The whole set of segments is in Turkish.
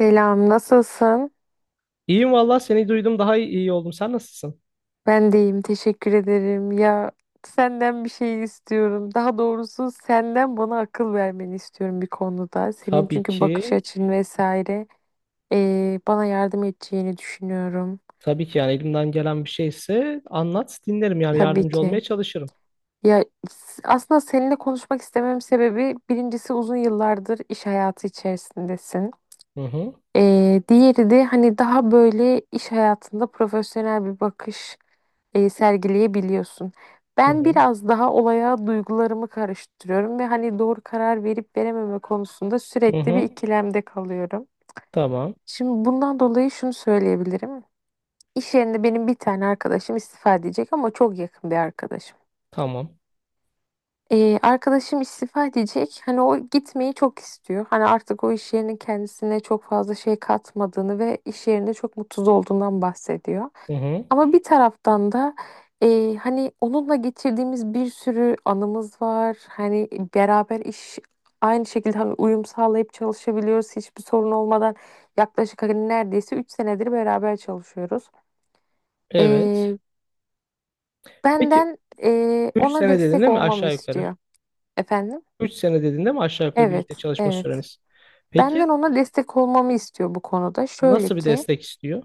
Selam, nasılsın? İyiyim valla seni duydum daha iyi oldum. Sen nasılsın? Ben de iyiyim, teşekkür ederim. Ya senden bir şey istiyorum. Daha doğrusu senden bana akıl vermeni istiyorum bir konuda. Senin Tabii çünkü ki. bakış açın vesaire bana yardım edeceğini düşünüyorum. Tabii ki, yani elimden gelen bir şeyse anlat dinlerim, yani Tabii yardımcı olmaya ki. çalışırım. Aslında seninle konuşmak istememin sebebi birincisi uzun yıllardır iş hayatı içerisindesin. Hı hı. Diğeri de hani daha böyle iş hayatında profesyonel bir bakış sergileyebiliyorsun. Hı Ben hı. biraz daha olaya duygularımı karıştırıyorum ve hani doğru karar verip verememe konusunda Hı sürekli bir hı. ikilemde kalıyorum. Tamam. Şimdi bundan dolayı şunu söyleyebilirim. İş yerinde benim bir tane arkadaşım istifa edecek ama çok yakın bir arkadaşım. Tamam. Arkadaşım istifa edecek. Hani o gitmeyi çok istiyor. Hani artık o iş yerinin kendisine çok fazla şey katmadığını ve iş yerinde çok mutsuz olduğundan bahsediyor. Hı hı. Ama bir taraftan da hani onunla geçirdiğimiz bir sürü anımız var. Hani beraber iş aynı şekilde hani uyum sağlayıp çalışabiliyoruz hiçbir sorun olmadan. Yaklaşık hani neredeyse 3 senedir beraber çalışıyoruz. Evet. Ee, Peki, Benden 3 ona sene dedin destek değil mi olmamı aşağı yukarı? istiyor. Efendim? 3 sene dedin değil mi aşağı yukarı birlikte Evet, çalışma evet. süreniz? Peki, Benden ona destek olmamı istiyor bu konuda. Şöyle nasıl bir ki destek istiyor?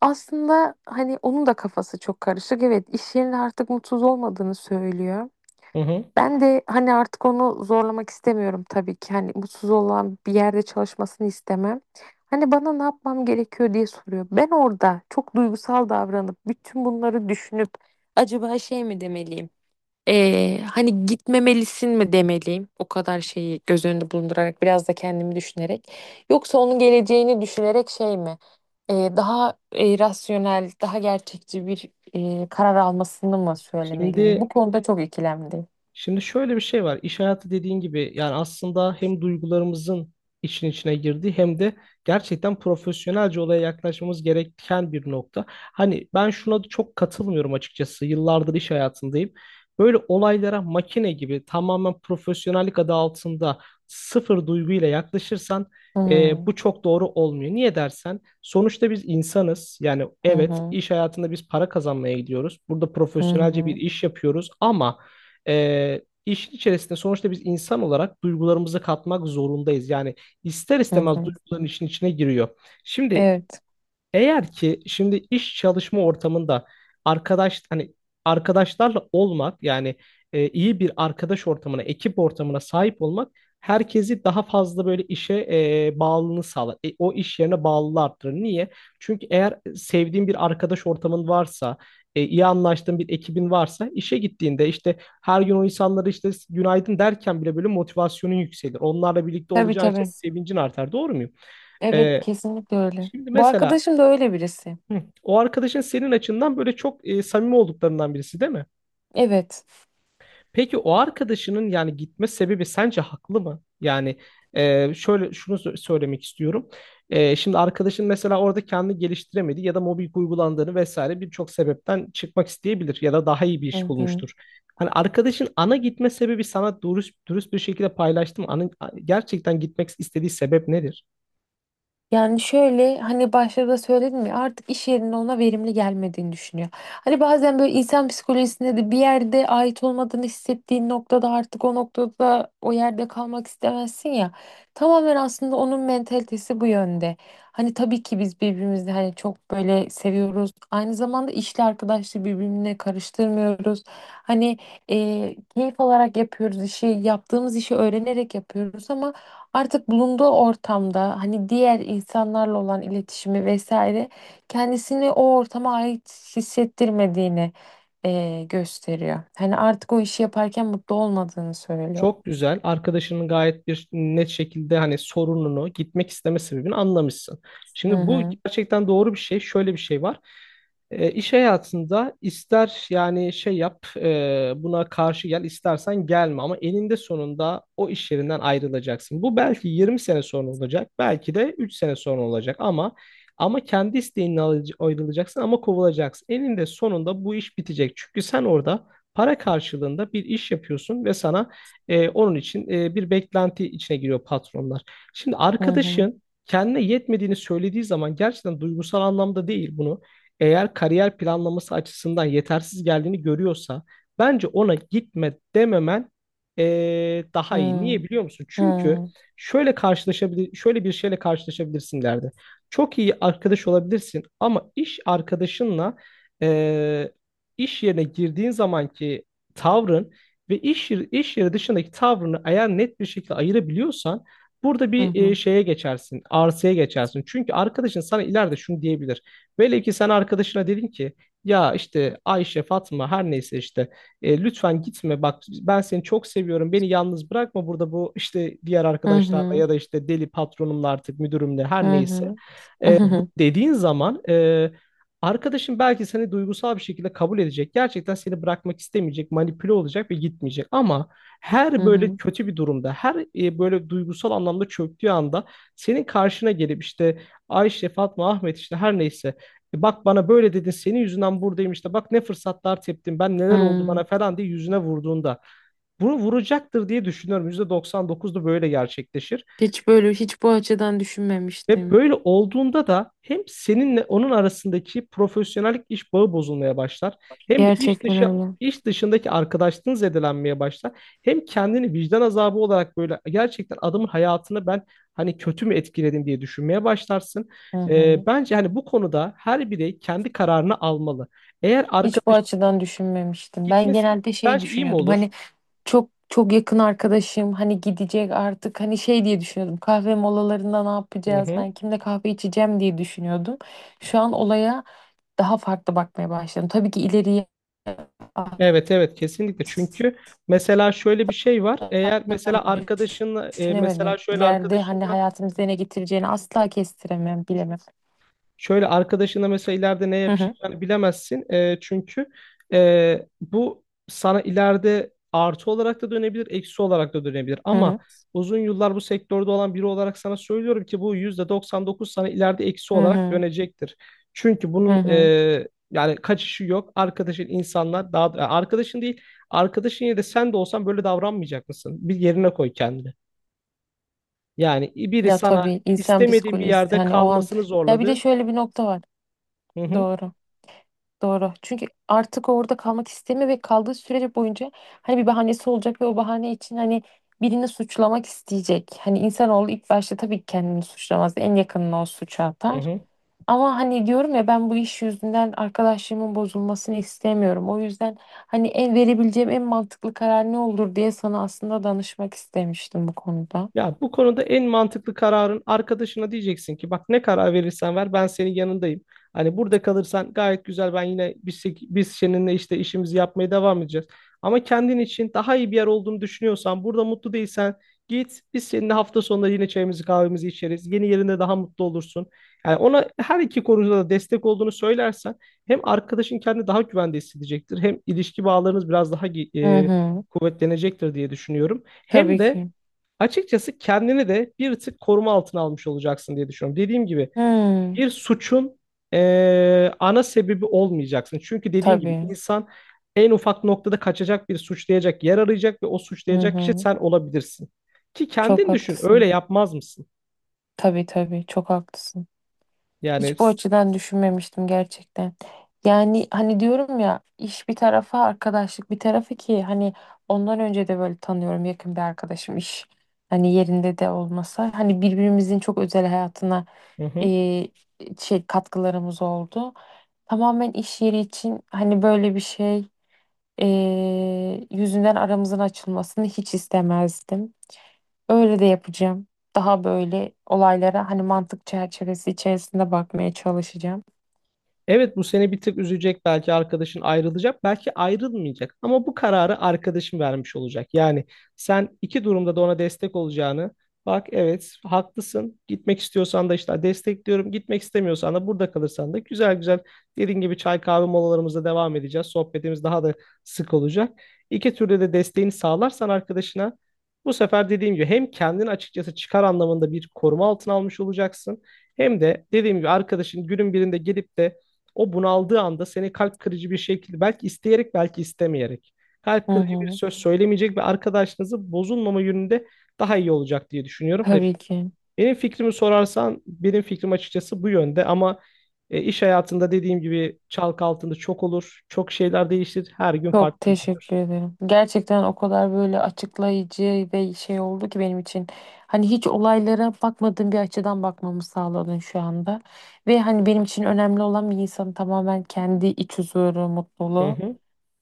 aslında hani onun da kafası çok karışık. Evet, iş yerinde artık mutsuz olmadığını söylüyor. Hı hı. Ben de hani artık onu zorlamak istemiyorum tabii ki. Hani mutsuz olan bir yerde çalışmasını istemem. Hani bana ne yapmam gerekiyor diye soruyor. Ben orada çok duygusal davranıp bütün bunları düşünüp acaba şey mi demeliyim? Hani gitmemelisin mi demeliyim? O kadar şeyi göz önünde bulundurarak biraz da kendimi düşünerek. Yoksa onun geleceğini düşünerek şey mi? Daha rasyonel, daha gerçekçi bir karar almasını mı söylemeliyim? Şimdi Bu konuda çok ikilemdeyim. Şimdi şöyle bir şey var. İş hayatı, dediğin gibi, yani aslında hem duygularımızın içine girdiği hem de gerçekten profesyonelce olaya yaklaşmamız gereken bir nokta. Hani ben şuna da çok katılmıyorum açıkçası. Yıllardır iş hayatındayım. Böyle olaylara makine gibi tamamen profesyonellik adı altında sıfır duyguyla yaklaşırsan bu Hmm. çok doğru olmuyor. Niye dersen, sonuçta biz insanız. Yani Hı evet, hı, iş hayatında biz para kazanmaya gidiyoruz. Burada hı profesyonelce bir hı, iş yapıyoruz ama işin içerisinde sonuçta biz insan olarak duygularımızı katmak zorundayız. Yani ister hı istemez hı. duyguların işin içine giriyor. Şimdi Evet. eğer ki şimdi iş çalışma ortamında hani arkadaşlarla olmak, yani iyi bir arkadaş ortamına, ekip ortamına sahip olmak herkesi daha fazla böyle işe bağlılığını sağlar. O iş yerine bağlılığı arttırır. Niye? Çünkü eğer sevdiğin bir arkadaş ortamın varsa, iyi anlaştığın bir ekibin varsa işe gittiğinde işte her gün o insanlara işte günaydın derken bile böyle motivasyonun yükselir. Onlarla birlikte Tabii olacağın için tabii. sevincin artar. Doğru muyum? Evet, E, kesinlikle öyle. Şimdi Bu mesela arkadaşım da öyle birisi. Hı. O arkadaşın senin açından böyle çok samimi olduklarından birisi değil mi? Evet. Peki o arkadaşının yani gitme sebebi sence haklı mı? Yani şöyle şunu söylemek istiyorum. E, şimdi arkadaşın mesela orada kendini geliştiremedi ya da mobbing uygulandığını vesaire birçok sebepten çıkmak isteyebilir ya da daha iyi bir Hı iş hı. bulmuştur. Hani arkadaşın ana gitme sebebi sana dürüst dürüst bir şekilde paylaştım. Ana, gerçekten gitmek istediği sebep nedir? Yani şöyle, hani başta da söyledim ya, artık iş yerinin ona verimli gelmediğini düşünüyor. Hani bazen böyle insan psikolojisinde de bir yerde ait olmadığını hissettiğin noktada artık o noktada o yerde kalmak istemezsin ya. Tamamen aslında onun mentalitesi bu yönde. Hani tabii ki biz birbirimizi hani çok böyle seviyoruz. Aynı zamanda işle arkadaşlığı birbirine karıştırmıyoruz. Hani keyif alarak yapıyoruz işi, yaptığımız işi öğrenerek yapıyoruz ama artık bulunduğu ortamda hani diğer insanlarla olan iletişimi vesaire kendisini o ortama ait hissettirmediğini gösteriyor. Hani artık o işi yaparken mutlu olmadığını söylüyor. Çok güzel. Arkadaşının gayet bir net şekilde hani sorununu, gitmek isteme sebebini anlamışsın. Hı Şimdi bu hı, gerçekten doğru bir şey. Şöyle bir şey var. E, iş hayatında, ister yani şey yap, buna karşı gel, istersen gelme, ama eninde sonunda o iş yerinden ayrılacaksın. Bu belki 20 sene sonra olacak, belki de 3 sene sonra olacak, ama kendi isteğinle ayrılacaksın ama kovulacaksın. Eninde sonunda bu iş bitecek. Çünkü sen orada para karşılığında bir iş yapıyorsun ve sana onun için bir beklenti içine giriyor patronlar. Şimdi hı hı, arkadaşın kendine yetmediğini söylediği zaman, gerçekten duygusal anlamda değil bunu. Eğer kariyer planlaması açısından yetersiz geldiğini görüyorsa, bence ona gitme dememen e, daha iyi. Niye hı biliyor musun? hı, Çünkü hı şöyle karşılaşabilir, şöyle bir şeyle karşılaşabilirsin derdi. Çok iyi arkadaş olabilirsin ama iş arkadaşınla e, iş yerine girdiğin zamanki tavrın ve iş yeri dışındaki tavrını eğer net bir şekilde ayırabiliyorsan, burada hı, bir hı şeye geçersin, arsaya geçersin. Çünkü arkadaşın sana ileride şunu diyebilir. Velev ki sen arkadaşına dedin ki, ya işte Ayşe, Fatma her neyse, işte lütfen gitme, bak ben seni çok seviyorum, beni yalnız bırakma burada bu işte, diğer arkadaşlarla hı, ya da işte deli patronumla, artık müdürümle her hı neyse. Bu hı, dediğin zaman arkadaşın belki seni duygusal bir şekilde kabul edecek. Gerçekten seni bırakmak istemeyecek, manipüle olacak ve gitmeyecek. Ama hı her böyle hı, kötü bir durumda, her böyle duygusal anlamda çöktüğü anda, senin karşına gelip işte Ayşe, Fatma, Ahmet işte her neyse, "E bak, bana böyle dedin, senin yüzünden buradayım işte, bak ne fırsatlar teptim, ben neler oldu bana" hı. falan diye yüzüne vurduğunda, bunu vuracaktır diye düşünüyorum. %99 da böyle gerçekleşir. Hiç böyle, bu açıdan Ve düşünmemiştim. böyle olduğunda da hem seninle onun arasındaki profesyonellik, iş bağı bozulmaya başlar. Hem de Gerçekten öyle. iş dışındaki arkadaşlığın zedelenmeye başlar. Hem kendini vicdan azabı olarak, böyle gerçekten adamın hayatını ben hani kötü mü etkiledim diye düşünmeye başlarsın. Hı hı. Bence hani bu konuda her birey kendi kararını almalı. Eğer Hiç bu arkadaş açıdan düşünmemiştim. Ben gitmesin genelde şey sence iyi mi düşünüyordum. olur? Hani çok çok yakın arkadaşım hani gidecek artık, hani şey diye düşünüyordum, kahve molalarında ne Hı yapacağız, hı. ben kimle kahve içeceğim diye düşünüyordum. Şu an olaya daha farklı bakmaya başladım. Tabii ki ileriye Evet, evet, kesinlikle. Çünkü mesela şöyle bir şey var, asla eğer mesela arkadaşınla e, mesela düşünemedim. şöyle İleride hani arkadaşınla hayatımızda ne getireceğini asla kestiremem, bilemem. şöyle arkadaşına mesela ileride ne Hı yapacağını hı, yani bilemezsin. Çünkü bu sana ileride artı olarak da dönebilir, eksi olarak da dönebilir. hı Ama hı, uzun yıllar bu sektörde olan biri olarak sana söylüyorum ki bu %99 sana ileride eksi hı olarak hı. dönecektir. Çünkü Hı bunun hı. Yani kaçışı yok. Arkadaşın insanlar daha arkadaşın değil, arkadaşın, yine de sen de olsan böyle davranmayacak mısın? Bir yerine koy kendini. Yani biri Ya sana tabii insan istemediğin bir psikolojisi yerde hani o an, kalmasını ya bir de zorladı. şöyle bir nokta var. Hı hı. Doğru. Doğru. Çünkü artık orada kalmak istemiyor ve kaldığı sürece boyunca hani bir bahanesi olacak ve o bahane için hani birini suçlamak isteyecek. Hani insanoğlu ilk başta tabii ki kendini suçlamaz. En yakınına o suçu Hı atar. hı. Ama hani diyorum ya, ben bu iş yüzünden arkadaşlığımın bozulmasını istemiyorum. O yüzden hani en verebileceğim en mantıklı karar ne olur diye sana aslında danışmak istemiştim bu konuda. Ya bu konuda en mantıklı kararın, arkadaşına diyeceksin ki, bak ne karar verirsen ver ben senin yanındayım. Hani burada kalırsan gayet güzel, ben yine biz seninle işte işimizi yapmaya devam edeceğiz. Ama kendin için daha iyi bir yer olduğunu düşünüyorsan, burada mutlu değilsen git, biz seninle hafta sonunda yine çayımızı kahvemizi içeriz. Yeni yerinde daha mutlu olursun. Yani ona her iki konuda da destek olduğunu söylersen, hem arkadaşın kendini daha güvende hissedecektir, hem ilişki bağlarınız biraz daha Hı e, hı. kuvvetlenecektir diye düşünüyorum. Hem Tabii de ki. açıkçası kendini de bir tık koruma altına almış olacaksın diye düşünüyorum. Dediğim gibi, Hı. bir suçun ana sebebi olmayacaksın. Çünkü dediğim gibi Tabii. insan en ufak noktada kaçacak bir suçlayacak yer arayacak ve o Hı suçlayacak kişi hı. sen olabilirsin. Ki Çok kendin düşün, öyle haklısın. yapmaz mısın? Tabii tabii. Çok haklısın. Yani. Hiç bu açıdan düşünmemiştim gerçekten. Yani hani diyorum ya, iş bir tarafa arkadaşlık bir tarafı, ki hani ondan önce de böyle tanıyorum, yakın bir arkadaşım, iş hani yerinde de olmasa hani birbirimizin çok özel hayatına Hı e, hı. şey katkılarımız oldu. Tamamen iş yeri için hani böyle bir şey yüzünden aramızın açılmasını hiç istemezdim. Öyle de yapacağım. Daha böyle olaylara hani mantık çerçevesi içerisinde bakmaya çalışacağım. Evet, bu seni bir tık üzecek, belki arkadaşın ayrılacak, belki ayrılmayacak, ama bu kararı arkadaşın vermiş olacak. Yani sen iki durumda da ona destek olacağını, bak evet haklısın, gitmek istiyorsan da işte destekliyorum, gitmek istemiyorsan da burada kalırsan da güzel güzel, dediğin gibi çay kahve molalarımızda devam edeceğiz, sohbetimiz daha da sık olacak. İki türlü de desteğini sağlarsan arkadaşına, bu sefer dediğim gibi hem kendini açıkçası çıkar anlamında bir koruma altına almış olacaksın. Hem de dediğim gibi arkadaşın günün birinde gelip de, o bunaldığı anda seni kalp kırıcı bir şekilde, belki isteyerek belki istemeyerek kalp Hı kırıcı bir hı. söz söylemeyecek ve arkadaşınızı bozulmama yönünde daha iyi olacak diye düşünüyorum. Hani Tabii ki. benim fikrimi sorarsan, benim fikrim açıkçası bu yönde, ama iş hayatında dediğim gibi çalk altında çok olur. Çok şeyler değişir. Her gün Çok farklı bir gündür. teşekkür ederim. Gerçekten o kadar böyle açıklayıcı ve şey oldu ki benim için. Hani hiç olaylara bakmadığım bir açıdan bakmamı sağladın şu anda. Ve hani benim için önemli olan bir insanın tamamen kendi iç huzuru, Hı mutluluğu. hı.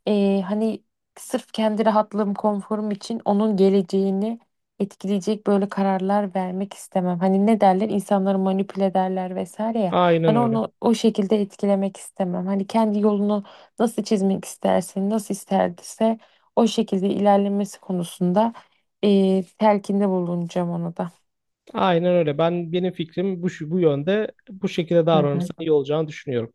Hani sırf kendi rahatlığım, konforum için onun geleceğini etkileyecek böyle kararlar vermek istemem. Hani ne derler? İnsanları manipüle ederler vesaire ya. Aynen Hani öyle. onu o şekilde etkilemek istemem. Hani kendi yolunu nasıl çizmek isterse, nasıl isterdiyse o şekilde ilerlemesi konusunda telkinde bulunacağım ona da. Aynen öyle. Benim fikrim bu yönde. Bu şekilde Hı hı. davranırsan iyi olacağını düşünüyorum.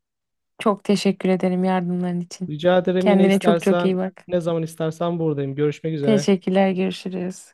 Çok teşekkür ederim yardımların için. Rica ederim, yine Kendine çok çok istersen iyi bak. ne zaman istersen buradayım. Görüşmek üzere. Teşekkürler, görüşürüz.